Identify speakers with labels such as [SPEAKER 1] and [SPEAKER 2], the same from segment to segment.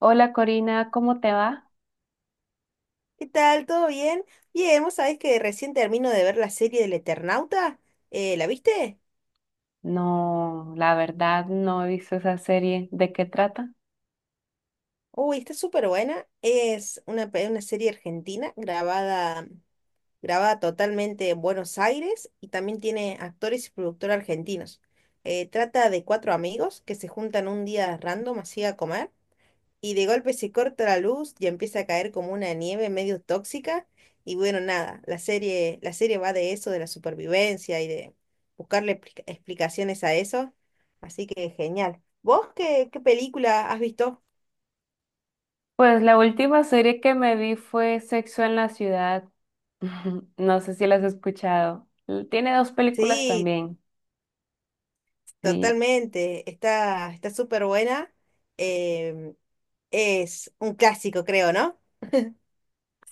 [SPEAKER 1] Hola Corina, ¿cómo te va?
[SPEAKER 2] ¿Qué tal? ¿Todo bien? Bien, vos sabés que recién termino de ver la serie del Eternauta. ¿La viste?
[SPEAKER 1] No, la verdad no he visto esa serie. ¿De qué trata?
[SPEAKER 2] Uy, está súper buena. Una serie argentina grabada, grabada totalmente en Buenos Aires y también tiene actores y productores argentinos. Trata de cuatro amigos que se juntan un día random así a comer. Y de golpe se corta la luz y empieza a caer como una nieve medio tóxica. Y bueno, nada, la serie va de eso, de la supervivencia y de explicaciones a eso. Así que genial. ¿Vos qué película has visto?
[SPEAKER 1] Pues la última serie que me vi fue Sexo en la Ciudad. No sé si la has escuchado. Tiene dos películas
[SPEAKER 2] Sí,
[SPEAKER 1] también. Sí,
[SPEAKER 2] totalmente. Está súper buena. Em, es un clásico, creo, ¿no?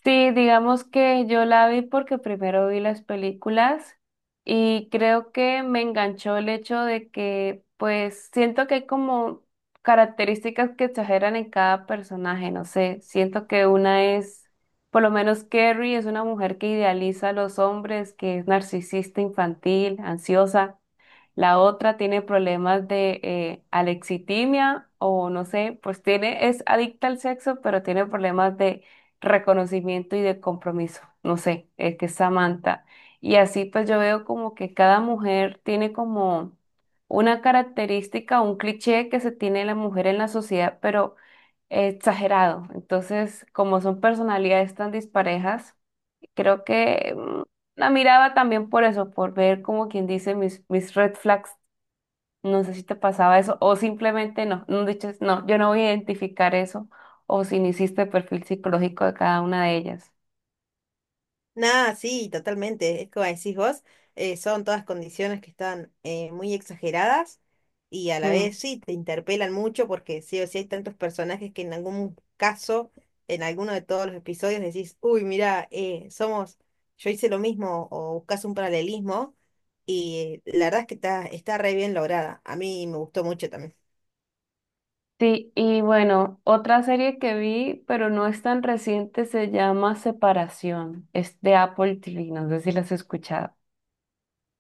[SPEAKER 1] sí, digamos que yo la vi porque primero vi las películas y creo que me enganchó el hecho de que pues siento que hay como características que exageran en cada personaje, no sé, siento que una es, por lo menos Carrie es una mujer que idealiza a los hombres, que es narcisista, infantil, ansiosa. La otra tiene problemas de alexitimia o no sé, pues tiene, es adicta al sexo, pero tiene problemas de reconocimiento y de compromiso. No sé, es que es Samantha. Y así pues yo veo como que cada mujer tiene como una característica, un cliché que se tiene la mujer en la sociedad, pero exagerado. Entonces, como son personalidades tan disparejas, creo que la miraba también por eso, por ver como quien dice mis red flags, no sé si te pasaba eso o simplemente no, no dices, no, yo no voy a identificar eso o si no hiciste el perfil psicológico de cada una de ellas.
[SPEAKER 2] Nada, sí, totalmente. Es como decís vos, son todas condiciones que están muy exageradas y a la
[SPEAKER 1] Mm.
[SPEAKER 2] vez sí te interpelan mucho porque sí o sí hay tantos personajes que en algún caso, en alguno de todos los episodios decís, uy, mira, somos, yo hice lo mismo o buscas un paralelismo y la verdad es que está, está re bien lograda. A mí me gustó mucho también.
[SPEAKER 1] Sí, y bueno, otra serie que vi, pero no es tan reciente, se llama Separación. Es de Apple TV, no sé si las has escuchado.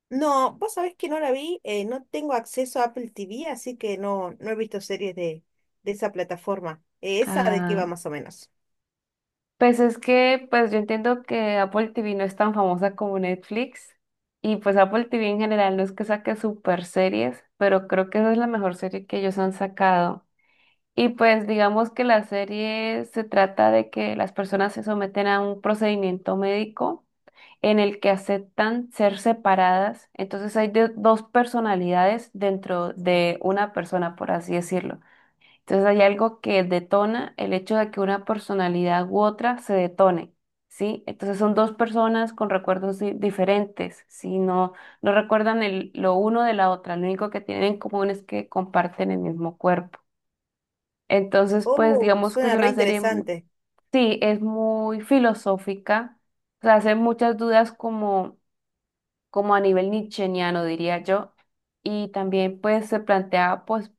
[SPEAKER 2] No, vos sabés que no la vi, no tengo acceso a Apple TV, así que no, no he visto series de esa plataforma. ¿Esa de qué va
[SPEAKER 1] Ah,
[SPEAKER 2] más o menos?
[SPEAKER 1] pues es que, pues yo entiendo que Apple TV no es tan famosa como Netflix y pues Apple TV en general no es que saque super series, pero creo que esa es la mejor serie que ellos han sacado. Y pues digamos que la serie se trata de que las personas se someten a un procedimiento médico en el que aceptan ser separadas. Entonces hay dos personalidades dentro de una persona, por así decirlo. Entonces hay algo que detona el hecho de que una personalidad u otra se detone, ¿sí? Entonces son dos personas con recuerdos diferentes, ¿sí? No, no recuerdan lo uno de la otra. Lo único que tienen en común es que comparten el mismo cuerpo. Entonces, pues
[SPEAKER 2] Oh,
[SPEAKER 1] digamos que es
[SPEAKER 2] suena re
[SPEAKER 1] una serie,
[SPEAKER 2] interesante.
[SPEAKER 1] sí, es muy filosófica, o sea, hace muchas dudas como, como a nivel nietzscheano, diría yo, y también pues se plantea pues,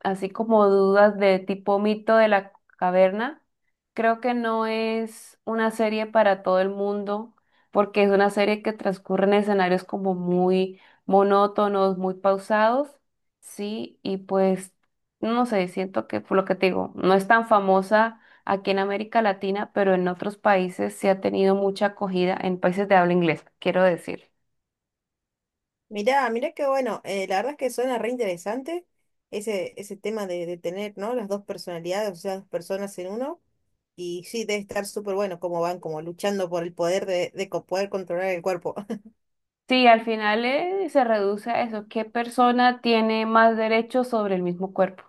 [SPEAKER 1] así como dudas de tipo mito de la caverna, creo que no es una serie para todo el mundo, porque es una serie que transcurre en escenarios como muy monótonos, muy pausados, sí, y pues, no sé, siento que por lo que te digo, no es tan famosa aquí en América Latina, pero en otros países sí ha tenido mucha acogida, en países de habla inglesa, quiero decir.
[SPEAKER 2] Mirá, mirá que bueno, la verdad es que suena re interesante ese tema de tener, ¿no? Las dos personalidades, o sea, dos personas en uno. Y sí, debe estar súper bueno cómo van como luchando por el poder poder controlar el cuerpo.
[SPEAKER 1] Sí, al final se reduce a eso, ¿qué persona tiene más derechos sobre el mismo cuerpo?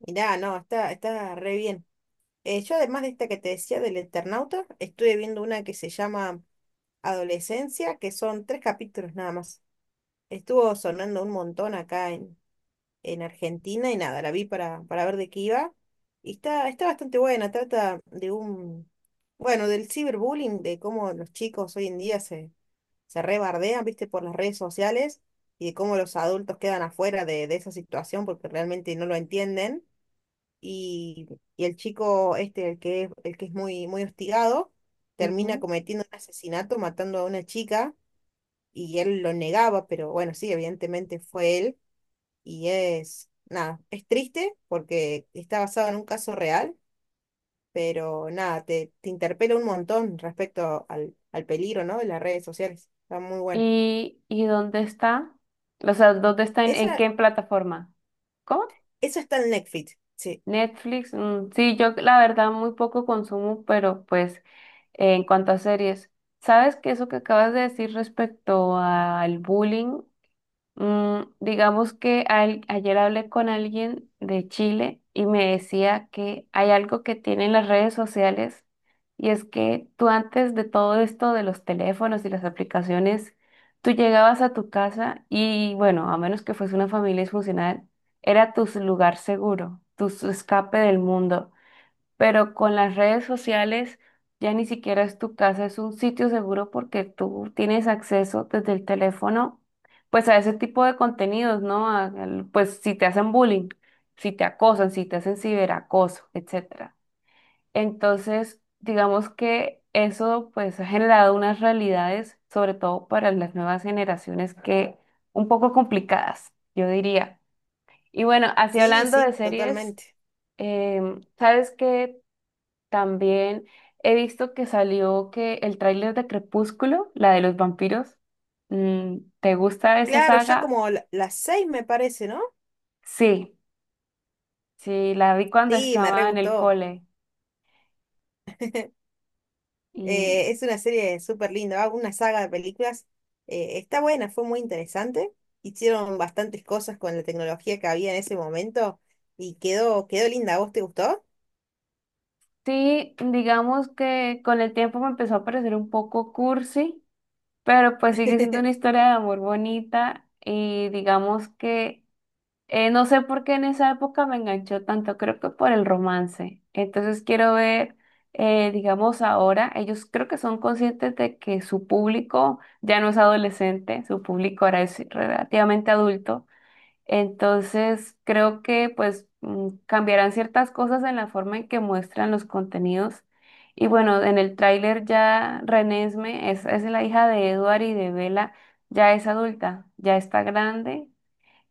[SPEAKER 2] Mirá, no, está, está re bien. Yo además de esta que te decía del Eternauta, estuve viendo una que se llama Adolescencia, que son tres capítulos nada más. Estuvo sonando un montón en Argentina y nada, la vi para ver de qué iba. Y está, está bastante buena, bueno, del ciberbullying, de cómo los chicos hoy en día se, se rebardean, viste, por las redes sociales y de cómo los adultos quedan afuera de esa situación porque realmente no lo entienden y, y el chico este, el que es muy, muy hostigado, termina
[SPEAKER 1] Ujú.
[SPEAKER 2] cometiendo un asesinato, matando a una chica, y él lo negaba, pero bueno, sí, evidentemente fue él, y es, nada, es triste porque está basado en un caso real, pero nada, te interpela un montón respecto al peligro, ¿no?, de las redes sociales. Está muy buena.
[SPEAKER 1] Y dónde está? O sea, ¿dónde está? En
[SPEAKER 2] Esa,
[SPEAKER 1] qué plataforma? ¿Cómo?
[SPEAKER 2] Esa está en Netflix, sí,
[SPEAKER 1] Netflix. Mm, sí, yo la verdad muy poco consumo, pero pues en cuanto a series, ¿sabes que eso que acabas de decir respecto al bullying? Mm, digamos que ayer hablé con alguien de Chile y me decía que hay algo que tienen las redes sociales y es que tú antes de todo esto de los teléfonos y las aplicaciones, tú llegabas a tu casa y bueno, a menos que fuese una familia disfuncional, era tu lugar seguro, tu escape del mundo, pero con las redes sociales ya ni siquiera es tu casa, es un sitio seguro porque tú tienes acceso desde el teléfono, pues a ese tipo de contenidos, ¿no? Pues si te hacen bullying, si te acosan, si te hacen ciberacoso, etcétera. Entonces, digamos que eso pues ha generado unas realidades, sobre todo para las nuevas generaciones, que un poco complicadas, yo diría. Y bueno, así
[SPEAKER 2] sí,
[SPEAKER 1] hablando de
[SPEAKER 2] sí,
[SPEAKER 1] series,
[SPEAKER 2] totalmente.
[SPEAKER 1] ¿sabes qué? También he visto que salió que el tráiler de Crepúsculo, la de los vampiros. Mm, ¿te gusta esa
[SPEAKER 2] Claro,
[SPEAKER 1] saga?
[SPEAKER 2] las seis me parece, ¿no?
[SPEAKER 1] Sí, sí, la vi cuando
[SPEAKER 2] Sí, me re
[SPEAKER 1] estaba en el
[SPEAKER 2] gustó.
[SPEAKER 1] cole. Y
[SPEAKER 2] Es una serie súper linda, ¿va? Una saga de películas. Está buena, fue muy interesante. Hicieron bastantes cosas con la tecnología que había en ese momento y quedó, quedó linda. ¿A vos te gustó?
[SPEAKER 1] sí, digamos que con el tiempo me empezó a parecer un poco cursi, pero pues sigue siendo una historia de amor bonita y digamos que... no sé por qué en esa época me enganchó tanto, creo que por el romance. Entonces quiero ver, digamos, ahora, ellos creo que son conscientes de que su público ya no es adolescente, su público ahora es relativamente adulto. Entonces creo que pues cambiarán ciertas cosas en la forma en que muestran los contenidos. Y bueno, en el tráiler ya Renesme es la hija de Edward y de Bella, ya es adulta, ya está grande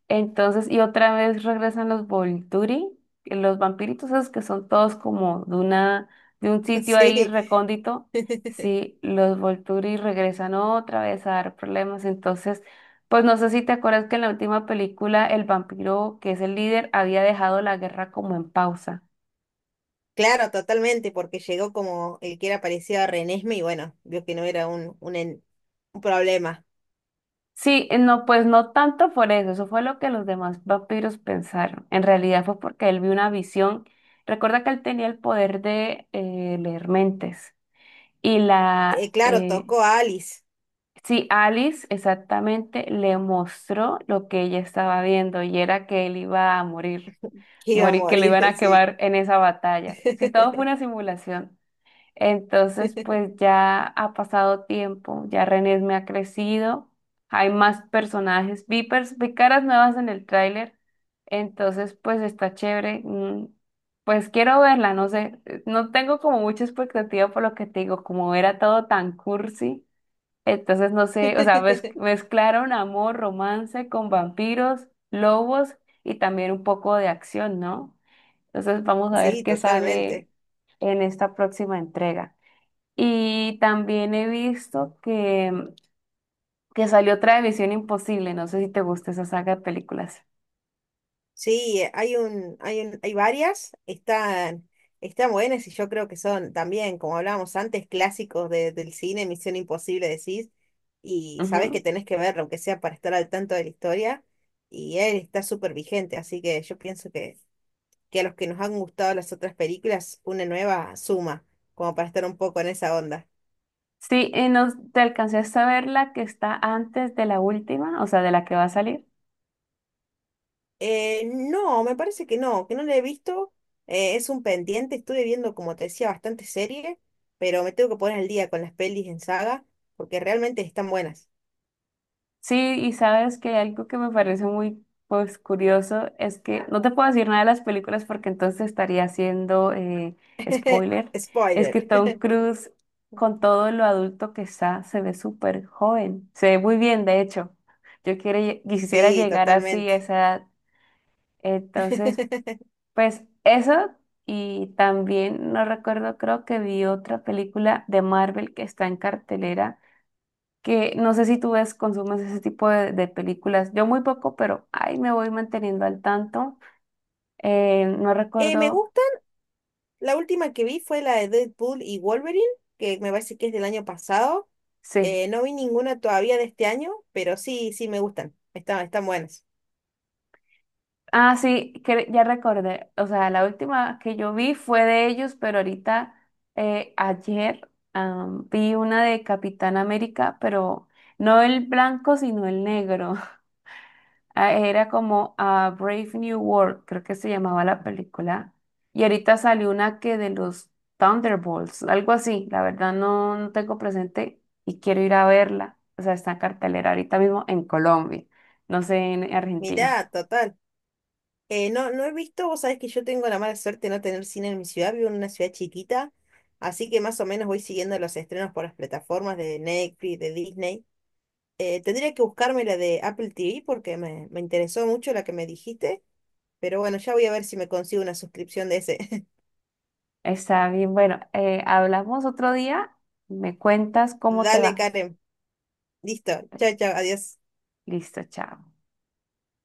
[SPEAKER 1] entonces, y otra vez regresan los Volturi, los vampiritos esos que son todos como de una, de un sitio ahí
[SPEAKER 2] Sí,
[SPEAKER 1] recóndito. Sí, los Volturi regresan otra vez a dar problemas. Entonces, pues no sé si te acuerdas que en la última película el vampiro, que es el líder, había dejado la guerra como en pausa.
[SPEAKER 2] claro, totalmente, porque llegó como el que era parecido a Renesme y bueno, vio que no era un problema.
[SPEAKER 1] Sí, no, pues no tanto por eso, eso fue lo que los demás vampiros pensaron. En realidad fue porque él vio una visión. Recuerda que él tenía el poder de leer mentes. Y la,
[SPEAKER 2] Claro, tocó a Alice,
[SPEAKER 1] sí, Alice exactamente le mostró lo que ella estaba viendo y era que él iba a morir,
[SPEAKER 2] que iba a
[SPEAKER 1] morir, que lo
[SPEAKER 2] morir,
[SPEAKER 1] iban a
[SPEAKER 2] sí.
[SPEAKER 1] quemar en esa batalla. Si todo fue una simulación. Entonces, pues ya ha pasado tiempo, ya René me ha crecido, hay más personajes, vi caras nuevas en el tráiler, entonces pues está chévere, pues quiero verla, no sé, no tengo como mucha expectativa por lo que te digo, como era todo tan cursi, entonces no sé, o sea, mezclaron amor, romance con vampiros, lobos y también un poco de acción, ¿no? Entonces vamos a ver
[SPEAKER 2] Sí,
[SPEAKER 1] qué sale
[SPEAKER 2] totalmente.
[SPEAKER 1] en esta próxima entrega. Y también he visto que salió otra de Misión Imposible. No sé si te gusta esa saga de películas.
[SPEAKER 2] Sí, hay varias, están, están buenas y yo creo que son también, como hablábamos antes, del cine, Misión Imposible decís, y sabés que
[SPEAKER 1] Ujú.
[SPEAKER 2] tenés que verlo, aunque sea para estar al tanto de la historia, y él está súper vigente, así que yo pienso que a los que nos han gustado las otras películas, una nueva suma, como para estar un poco en esa onda.
[SPEAKER 1] Sí, y no, ¿te alcancé a ver la que está antes de la última? O sea, de la que va a salir.
[SPEAKER 2] No, me parece que no la he visto. Es un pendiente, estuve viendo, como te decía, bastante serie, pero me tengo que poner al día con las pelis en saga, porque realmente están buenas.
[SPEAKER 1] Sí, y sabes que algo que me parece muy pues curioso es que no te puedo decir nada de las películas porque entonces estaría haciendo spoiler. Es que
[SPEAKER 2] Spoiler.
[SPEAKER 1] Tom Cruise, con todo lo adulto que está, se ve súper joven. Se ve muy bien, de hecho. Yo quiero, quisiera
[SPEAKER 2] Sí,
[SPEAKER 1] llegar así a
[SPEAKER 2] totalmente.
[SPEAKER 1] esa edad. Entonces, pues eso. Y también no recuerdo, creo que vi otra película de Marvel que está en cartelera que no sé si tú ves, consumes ese tipo de películas. Yo muy poco, pero ahí me voy manteniendo al tanto. No
[SPEAKER 2] Me
[SPEAKER 1] recuerdo,
[SPEAKER 2] gusta, la última que vi fue la de Deadpool y Wolverine, que me parece que es del año pasado.
[SPEAKER 1] sí.
[SPEAKER 2] No vi ninguna todavía de este año, pero sí, sí me gustan. Están, están buenas.
[SPEAKER 1] Ah, sí, que ya recordé. O sea, la última que yo vi fue de ellos, pero ahorita, ayer, vi una de Capitán América, pero no el blanco, sino el negro. Ah, era como a Brave New World, creo que se llamaba la película. Y ahorita salió una que de los Thunderbolts, algo así. La verdad no, no tengo presente y quiero ir a verla. O sea, está en cartelera ahorita mismo en Colombia, no sé, en Argentina.
[SPEAKER 2] Mirá, total. No he visto, vos sabés que yo tengo la mala suerte de no tener cine en mi ciudad, vivo en una ciudad chiquita, así que más o menos voy siguiendo los estrenos por las plataformas de Netflix, de Disney. Tendría que buscarme la de Apple TV porque me interesó mucho la que me dijiste, pero bueno, ya voy a ver si me consigo una suscripción de ese.
[SPEAKER 1] Está bien, bueno, hablamos otro día. Me cuentas cómo te
[SPEAKER 2] Dale,
[SPEAKER 1] va.
[SPEAKER 2] Karen. Listo. Chao, chao, adiós.
[SPEAKER 1] Listo, chao.